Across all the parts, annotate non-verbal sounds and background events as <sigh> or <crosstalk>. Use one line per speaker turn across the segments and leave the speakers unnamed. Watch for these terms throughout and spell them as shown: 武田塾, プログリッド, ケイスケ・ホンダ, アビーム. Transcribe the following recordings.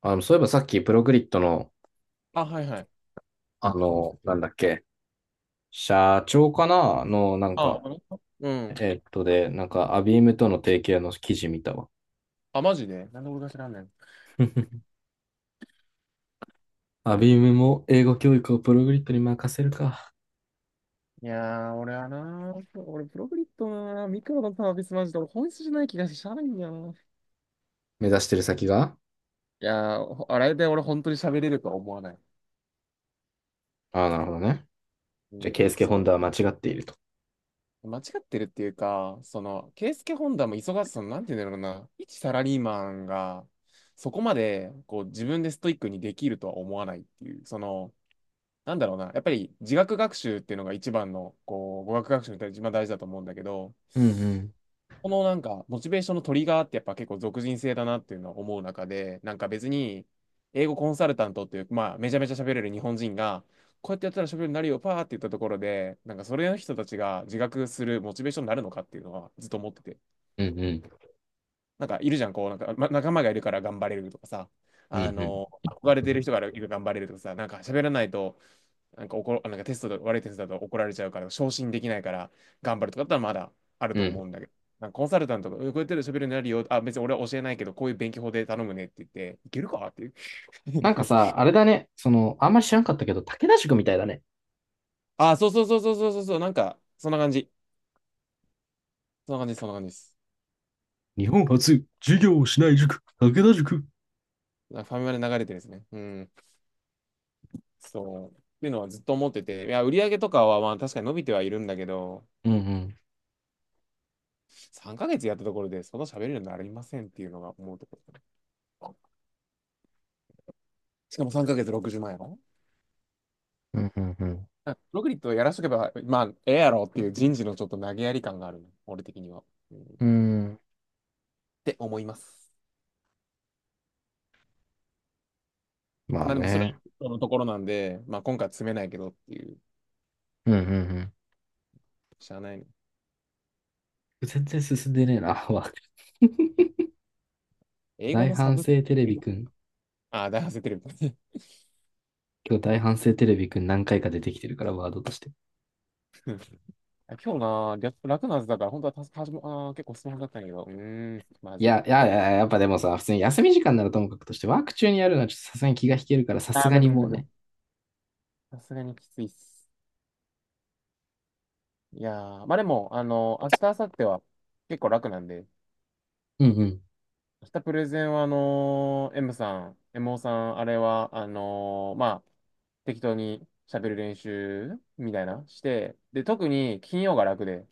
そういえばさっきプログリッドの、
あ、はいはい。
あの、なんだっけ、社長かなの、なん
あ
か、
あ、うん。
えっとで、なんか、アビームとの提携の記事見たわ。
あ、マジでなんで俺が知らんねん。
アビームも英語教育をプログリッドに任せるか。
いやー、俺はミクロのサービスマジで俺本質じゃない気がしてしゃあないんだよな。
目指してる先が
いやー、ほあれで俺本当に喋れるとは思わない。
ああ、なるほどね。
う
じゃあ、ケイ
ん、
スケ・
そ、
ホンダは間違っていると。
間違ってるっていうか、ケイスケ・ホンダも忙しさの、なんて言うんだろうな、一サラリーマンが、そこまで、こう、自分でストイックにできるとは思わないっていう、なんだろうな、やっぱり自学学習っていうのが一番の、こう、語学学習に対して一番大事だと思うんだけど、
うんうん。
このなんか、モチベーションのトリガーってやっぱ結構俗人性だなっていうのは思う中で、なんか別に、英語コンサルタントっていう、まあ、めちゃめちゃ喋れる日本人が、こうやってやったら喋れるようになるよ、パーって言ったところで、なんかそれの人たちが自覚するモチベーションになるのかっていうのはずっと思ってて。
うんうん。
なんかいるじゃん、こう、なんか、ま、仲間がいるから頑張れるとかさ、
うん
あ
うん。
の、憧れてる人がいるから頑張れるとかさ、なんか喋らないと、なんか怒ろ、なんかテストで悪いテストだと怒られちゃうから、昇進できないから頑張るとかだったらまだある
う
と思
ん。
うんだけど、なんかコンサルタントが、うんこうやってると喋るようになるよ、あ、別に俺は教えないけど、こういう勉強法で頼むねって言って、いけるかっていう。
なんか
<laughs>
さ、あれだね。その、あんまり知らんかったけど、武田塾みたいだね。
あ、そうそうそうそうそうそうそう、なんか、そんな感じ。そんな感じ、そんな感じです。
日本初、授業をしない塾、武田塾。
なんかファミマで流れてですね。うん、そう。っていうのはずっと思ってて、いや、売り上げとかはまあ確かに伸びてはいるんだけど、
うんうん。
3ヶ月やったところで、その喋れるようになりませんっていうのが思うところ。しかも3ヶ月60万やろ
うんうんう
あロリットやらしとけば、まあ、ええやろっていう人事のちょっと投げやり感があるね俺的には。うん、っ
ん。うん。
て思います。
まあ
まあでも、それ
ね。
はのところなんで、まあ今回は詰めないけどっていう、
うんうん、
しゃあないね
全然進んでねえな。<laughs> ワード、
英語
大
のサ
反
ブス
省テ
ク
レ
リ
ビ
プト、
くん。
ああ、大発生テレビ。<laughs>
今日大反省テレビくん何回か出てきてるから、ワードとして。
今日な、略楽なはずだから、本当はたはじもあー結構スマホだったんだけど、うーん、ま
い
ずい。
や、いや、いや、やっぱでもさ、普通に休み時間ならともかくとして、ワーク中にやるのはちょっとさすがに気が引けるから、さす
あー、
が
無理
に
無
も
理
う
無
ね。
理。さすがにきついっす。いやー、まあでも、あの、明日、明後日は結構楽なんで、
うんうん。
明日プレゼンは、あのー M さん、MO さん、あれは、あのーまあ、適当に喋る練習みたいなして、で、特に金曜が楽で、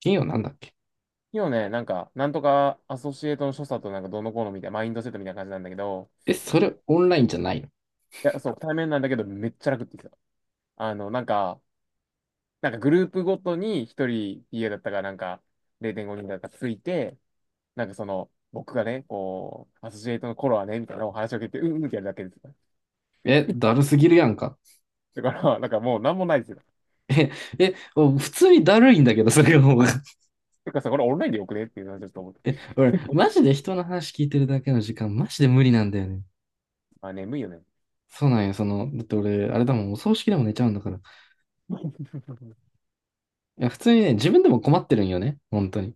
金曜なんだっけ？
金曜ね、なんか、なんとかアソシエイトの所作となんかどうのこうのみたいな、マインドセットみたいな感じなんだけど、
え、それオンラインじゃないの？
いや、そう、対面なんだけど、めっちゃ楽って言ってた。あの、なんか、なんかグループごとに一人 PA だったかなんか、0.5人だったかついて、なんかその、僕がね、こう、アソシエイトの頃はね、みたいなお話を聞いて、うんうんってやるだけです。
え、だるすぎるやんか。
だから、なんかもうなんもないですよ。
え、え、普通にだるいんだけど、それも。 <laughs>
てかさ、これオンラインでよくねっていうのはちょっと思って。
え、俺、マジで人の話聞いてるだけの時間、マジで無理なんだよね。
あ、眠いよね。
そうなんや、その、だって俺、あれだもん、お葬式でも寝ちゃうんだから。
<laughs>
いや、普通にね、自分でも困ってるんよね。本当に。い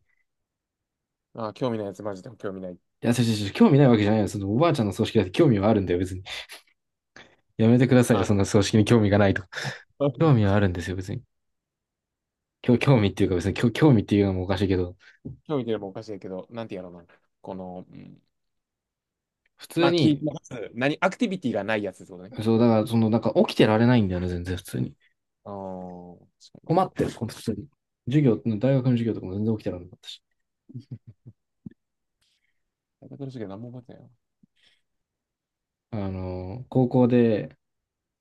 あ、興味ないやつマジで興味ない。
や、ちょちょちょ、興味ないわけじゃないよ。そのおばあちゃんの葬式だって興味はあるんだよ、別に。やめてくださいよ、
あ、
そんな葬式に興味がないと。<laughs> 興
<laughs>
味はあるんですよ、別に。興味っていうのもおかしいけど、
興味出ればおかしいけど、なんてやろうな。この、うん、
普
ま
通
あ、聞いて
に、
ます。何、アクティビティがないやつってことね。
そう、だからその、なんか起きてられないんだよね、全然普通に。
あー、確か
困ってる、この普通に。授業、大学の授業とかも全然起きてられなかったし。
に。タイトル主義は何も覚えてないわ。
あの、高校で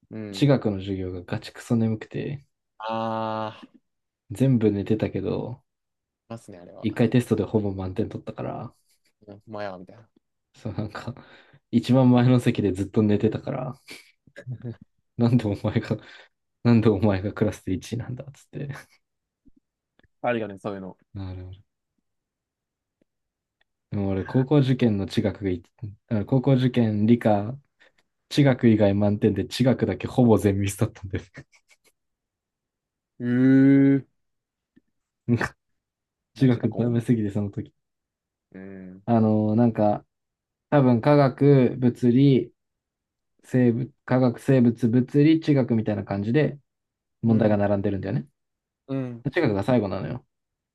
う
地
ん。
学の授業がガチクソ眠くて、
あー、い
全部寝てたけど、
ますね、あれは。
一回テストでほぼ満点取ったから、
うん、まあや、みたいな。
そう、なんか、一番前の席でずっと寝てたから、なんでお前が、<laughs> なんでお前がクラスで1位なんだっつって。
あるよね、そういうの。
なるほど。でも俺、高校受験理科、地学以外満点で地学だけほぼ全ミスだったんです。
うー。
<laughs> なんか、
ま
地
あ、近
学
く
ダ
思うん
メ
だけ
すぎて、その時。
ど。うん。
あのーなんか、多分科学、生物、物理、地学みたいな感じで
う
問題が
ん、
並んでるんだよね。
うん、
地学が最後なのよ。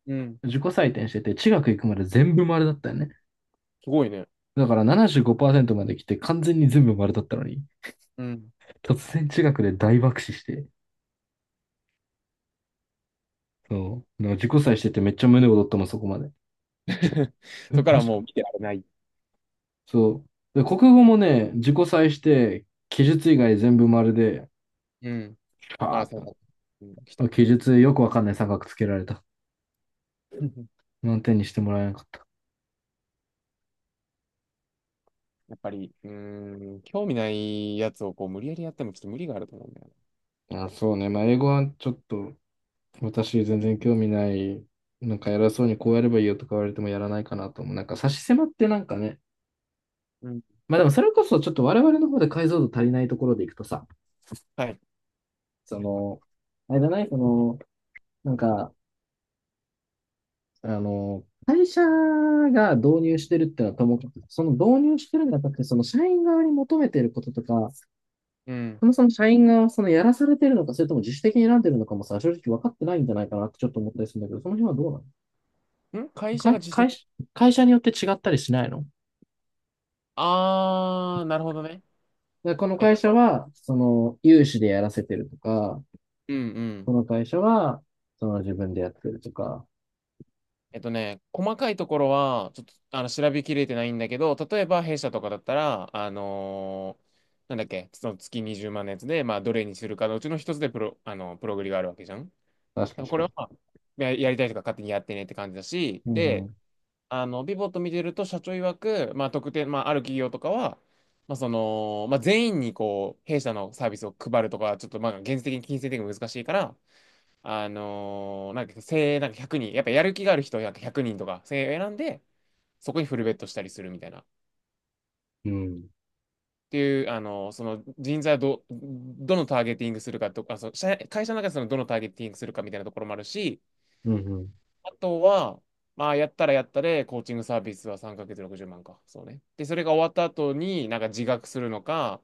うん。
自己採点してて、地学行くまで全部丸だったよね。
すごいね。
だから75%まで来て完全に全部丸だったのに、
うん。
突然地学で大爆死して、そう、なんか自己採しててめっちゃ胸躍ったもん、そこまで。
<laughs>
え、
そこか
マ
ら
ジ
も
か。
う見てられない。
そう。で、国語もね、自己採して、記述以外全部丸で、
うん。あ、
パ
そ
ー
う
ッ
だ。うん、来た。
と。記述よくわかんない三角つけられた。
<laughs>
満点にしてもらえなかった。
やっぱり、うーん、興味ないやつをこう無理やりやってもちょっと無理があると思うんだよ
あ、そうね。まあ、英語はちょっと、私全然興味ない。なんか偉そ
な。
うにこうやればいいよとか言われてもやらないかなと思う。なんか差し迫ってなんかね、
うん。
まあでもそれこそちょっと我々の方で解像度足りないところでいくとさ、
はい。
その、あれだね、その、なんか、会社が導入してるってのはともかく、その導入してるんじゃなくて、その社員側に求めてることとか、
うん。
そもそも社員側はそのやらされてるのか、それとも自主的に選んでるのかもさ、正直分かってないんじゃないかなってちょっと思ったりするんだけど、その辺はどうなの？
ん会社が
会、
自主的。
会社、会社によって違ったりしないの？
あー、なるほどね。
でこの
えっ
会社
と、
は、その、有志でやらせてるとか、
うんう
こ
ん。
の会社は、その自分でやってるとか、
えっとね、細かいところは、ちょっと、あの、調べきれてないんだけど、例えば、弊社とかだったら、あのーなんだっけ、その月20万のやつで、まあ、どれにするかのうちの一つでプログリがあるわけじゃん。だ
確
か
か
ら
に
これ
確
は、
か
やりたいとか勝手にやってねって感じだし、
に。うんう
で、
ん。
あの、ビボット見てると、社長曰く、まあ、特定、まあ、ある企業とかは、まあ、その、まあ、全員に、こう、弊社のサービスを配るとか、ちょっと、まあ、現実的に金銭的に難しいから、あのーなんか精鋭なんか1人、やっぱやる気がある人はなんか100人とか、精鋭選んで、そこにフルベットしたりするみたいな。っ
うん。
ていう、あのーその人材をどのターゲティングするかとか、そう会社の中でそのどのターゲティングするかみたいなところもあるし、
うんうん。
あとは、まあ、やったらやったで、コーチングサービスは3ヶ月60万か。そうね。で、それが終わった後に、なんか自学するのか、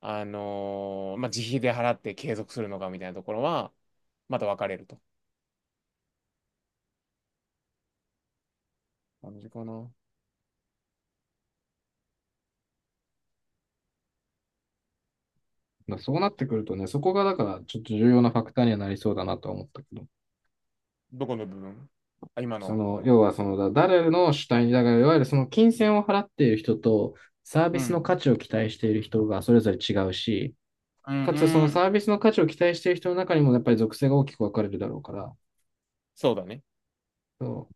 あのーまあ、自費で払って継続するのかみたいなところは、また分かれると。感じかな。
だそうなってくるとね、そこがだからちょっと重要なファクターにはなりそうだなとは思ったけど、
どこの部分あ、今
そ
のと
の、
ころ。
要はその、誰の主体に、だからいわゆるその金銭を払っている人とサービ
う
スの
ん。
価値を期待している人がそれぞれ違うし、
うん、
かつそ
う
の
ん。
サービスの価値を期待している人の中にもやっぱり属性が大きく分かれるだろうから、
そうだね。
そ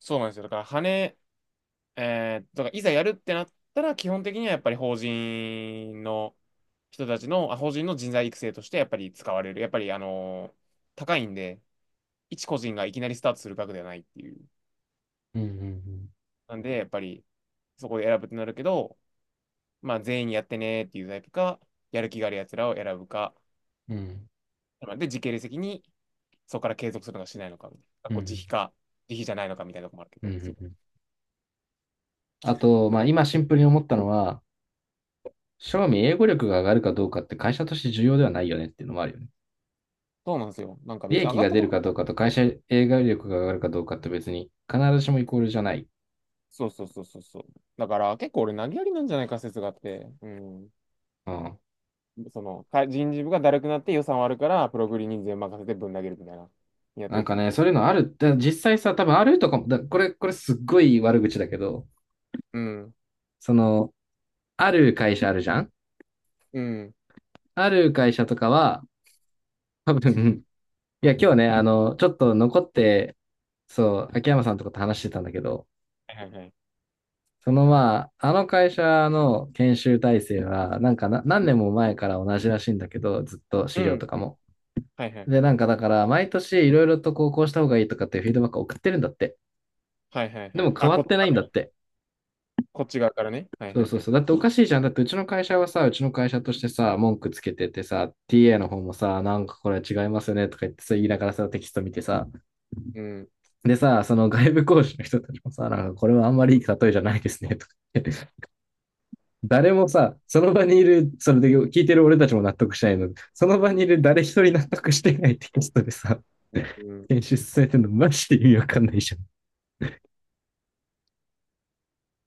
そうなんですよ。だから、羽、えー、だからいざやるってなったら、基本的にはやっぱり法人の人たちの、あ、法人の人材育成としてやっぱり使われる。やっぱり、あのー高いんで、一個人がいきなりスタートする額ではないっていう。
う。うんうんうん。
なんで、やっぱり、そこで選ぶってなるけど、まあ、全員やってねーっていうタイプか、やる気がある奴らを選ぶか。
うん。
で、時系列的にそこから継続するのかしないのかみたいな、
う
こう自
ん。
費か、自費じゃないのかみたいなとこもあるけ
うん。
ど、
う
そ
ん
う。
うん、あと、
だ
まあ、
から
今シンプルに思ったのは、正味英語力が上がるかどうかって会社として重要ではないよねっていうのもあるよね。
そうなんですよ。なんか
利
別に上
益
がっ
が
た
出
と
る
こ
かどう
ろ、
かと会社英語力が上がるかどうかって別に必ずしもイコールじゃない。
そうそうそうそうそう。だから結構俺投げやりなんじゃないか説があって、うん。
うん。
その、人事部がだるくなって予算割るから、プログリに全任せてぶん投げるみたいな。やっと
なん
いて
か
み
ね、
る。
そういうのある。だ実際さ、多分あるとかも、だこれ、これすっごい悪口だけど、
うん。
その、ある会社あるじゃん
うん。
ある会社とかは、多分、<laughs> いや、今日ね、あの、ちょっと残って、そう、秋山さんとかと話してたんだけど、
はいはいはい。
そのまあ、あの会社の研修体制は、なんか何年も前から同じらしいんだけど、ずっと資
う
料と
ん。
か
うん
も。
はいはいは
で、
い。
なんかだから、毎年いろいろとこう、こうした方がいいとかっていうフィードバックを送ってるんだって。
はいはい
で
は
も
い。
変
あ、
わ
こっ
っ
ち
てない
側
ん
か
だっ
ら、
て。
こっち側からね。はい
そ
は
う
い
そう
はい。
そう。だっておかしいじゃん。だってうちの会社はさ、うちの会社としてさ、文句つけててさ、TA の方もさ、なんかこれ違いますよねとか言ってさ、言いながらさ、テキスト見てさ、
うん。
でさ、その外部講師の人たちもさ、なんかこれはあんまりいい例えじゃないですねとか言っ、誰もさ、その場にいる、それで聞いてる俺たちも納得しないので。その場にいる誰一人納得してないテキストでさ、
うん。
編集されてるのマジで意味わかんないじゃ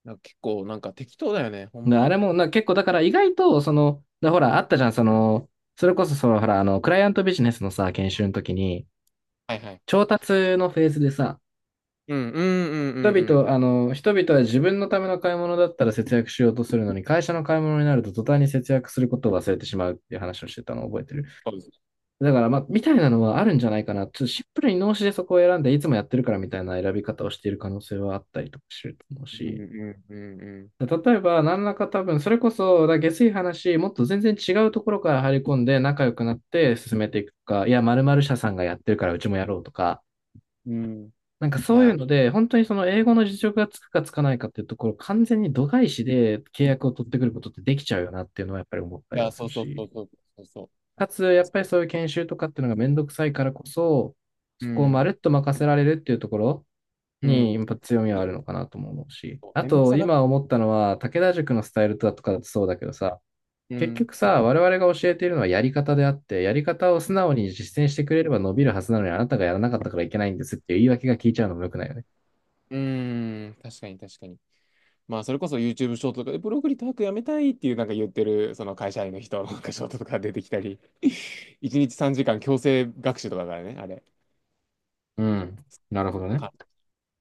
なんか結構なんか適当だよね、ほ
ん。
ん
だあ
ま。
れもな、結構だから意外と、その、だほら、あったじゃん、その、それこそその、ほら、あの、クライアントビジネスのさ、研修の時に、
はいはい。
調達のフェーズでさ、
うんうんうんうんうん。
人々は自分のための買い物だったら節約しようとするのに、会社の買い物になると途端に節約することを忘れてしまうっていう話をしてたのを覚えてる。だから、まあ、みたいなのはあるんじゃないかな。ちょっとシンプルに脳死でそこを選んで、いつもやってるからみたいな選び方をしている可能性はあったりとかすると思う
うん
し。
うんうん
例えば、何らか多分、それこそ、だ下水話、もっと全然違うところから入り込んで、仲良くなって進めていくか、いや、〇〇社さんがやってるからうちもやろうとか、
うん。うん。
なんか
い
そういう
や、
ので、本当にその英語の実力がつくかつかないかっていうところ、完全に度外視で契約を取ってくることってできちゃうよなっていうのはやっぱり思った
い
りは
や、
す
そう
る
そうそ
し。
うそうそうそ
かつ、やっぱりそういう研修とかっていうのがめんどくさいからこそ、
う。う
そこをまる
ん。
っと任せられるっていうところ
う
に、
ん。
やっぱ強みはあるのかなとも思うし。
そう
あ
面倒く
と、
さがる。
今思ったのは、武田塾のスタイルだとかだとそうだけどさ、
う
結
ん。
局さ、我々が教えているのはやり方であって、やり方を素直に実践してくれれば伸びるはずなのに、あなたがやらなかったからいけないんですっていう言い訳が聞いちゃうのも良くないよね。
うん。確かに確かに。まあ、それこそ YouTube ショートとかで、ブログリタークやめたいっていうなんか言ってる、その会社員の人のなんかショートとか出てきたり、<laughs> 1日3時間強制学習とかだからね、あれ。
うん。なるほどね。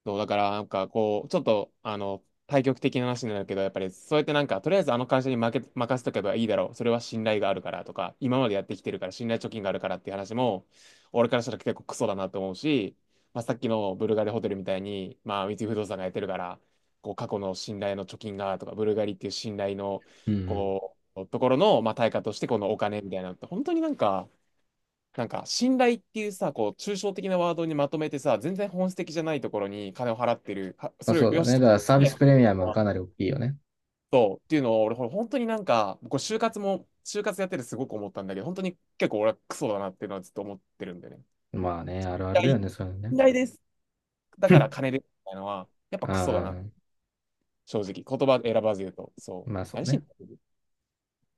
そう、だからなんかこう、ちょっと、あの、対極的な話になるけど、やっぱりそうやってなんか、とりあえずあの会社に任せとけばいいだろう。それは信頼があるからとか、今までやってきてるから信頼貯金があるからっていう話も、俺からしたら結構クソだなと思うし、まあ、さっきのブルガリホテルみたいに、まあ、三井不動産がやってるから、こう、過去の信頼の貯金がとか、ブルガリっていう信頼の、
うんうん、
こう、ところの、まあ、対価としてこのお金みたいなのって、本当になんか、なんか、信頼っていうさ、こう、抽象的なワードにまとめてさ、全然本質的じゃないところに金を払ってる、は
まあ
それを
そうだ
よし
ね。
と、
だからサービ
ね、
スプレミアムはかなり大きいよね。
そうっていうのを、俺、ほら本当になんか、こう就活も、就活やっててすごく思ったんだけど、本当に結構俺はクソだなっていうのはずっと思ってるんだよね。
まあね、
信
あるあるだ
頼
よね、そういうの
信
ね。
頼です。だ
<laughs>
から
う
金ですみたいなのは、やっぱクソだな、
ん。
正直。言葉選ばず言うと。そう。
まあそう
何し
ね。
に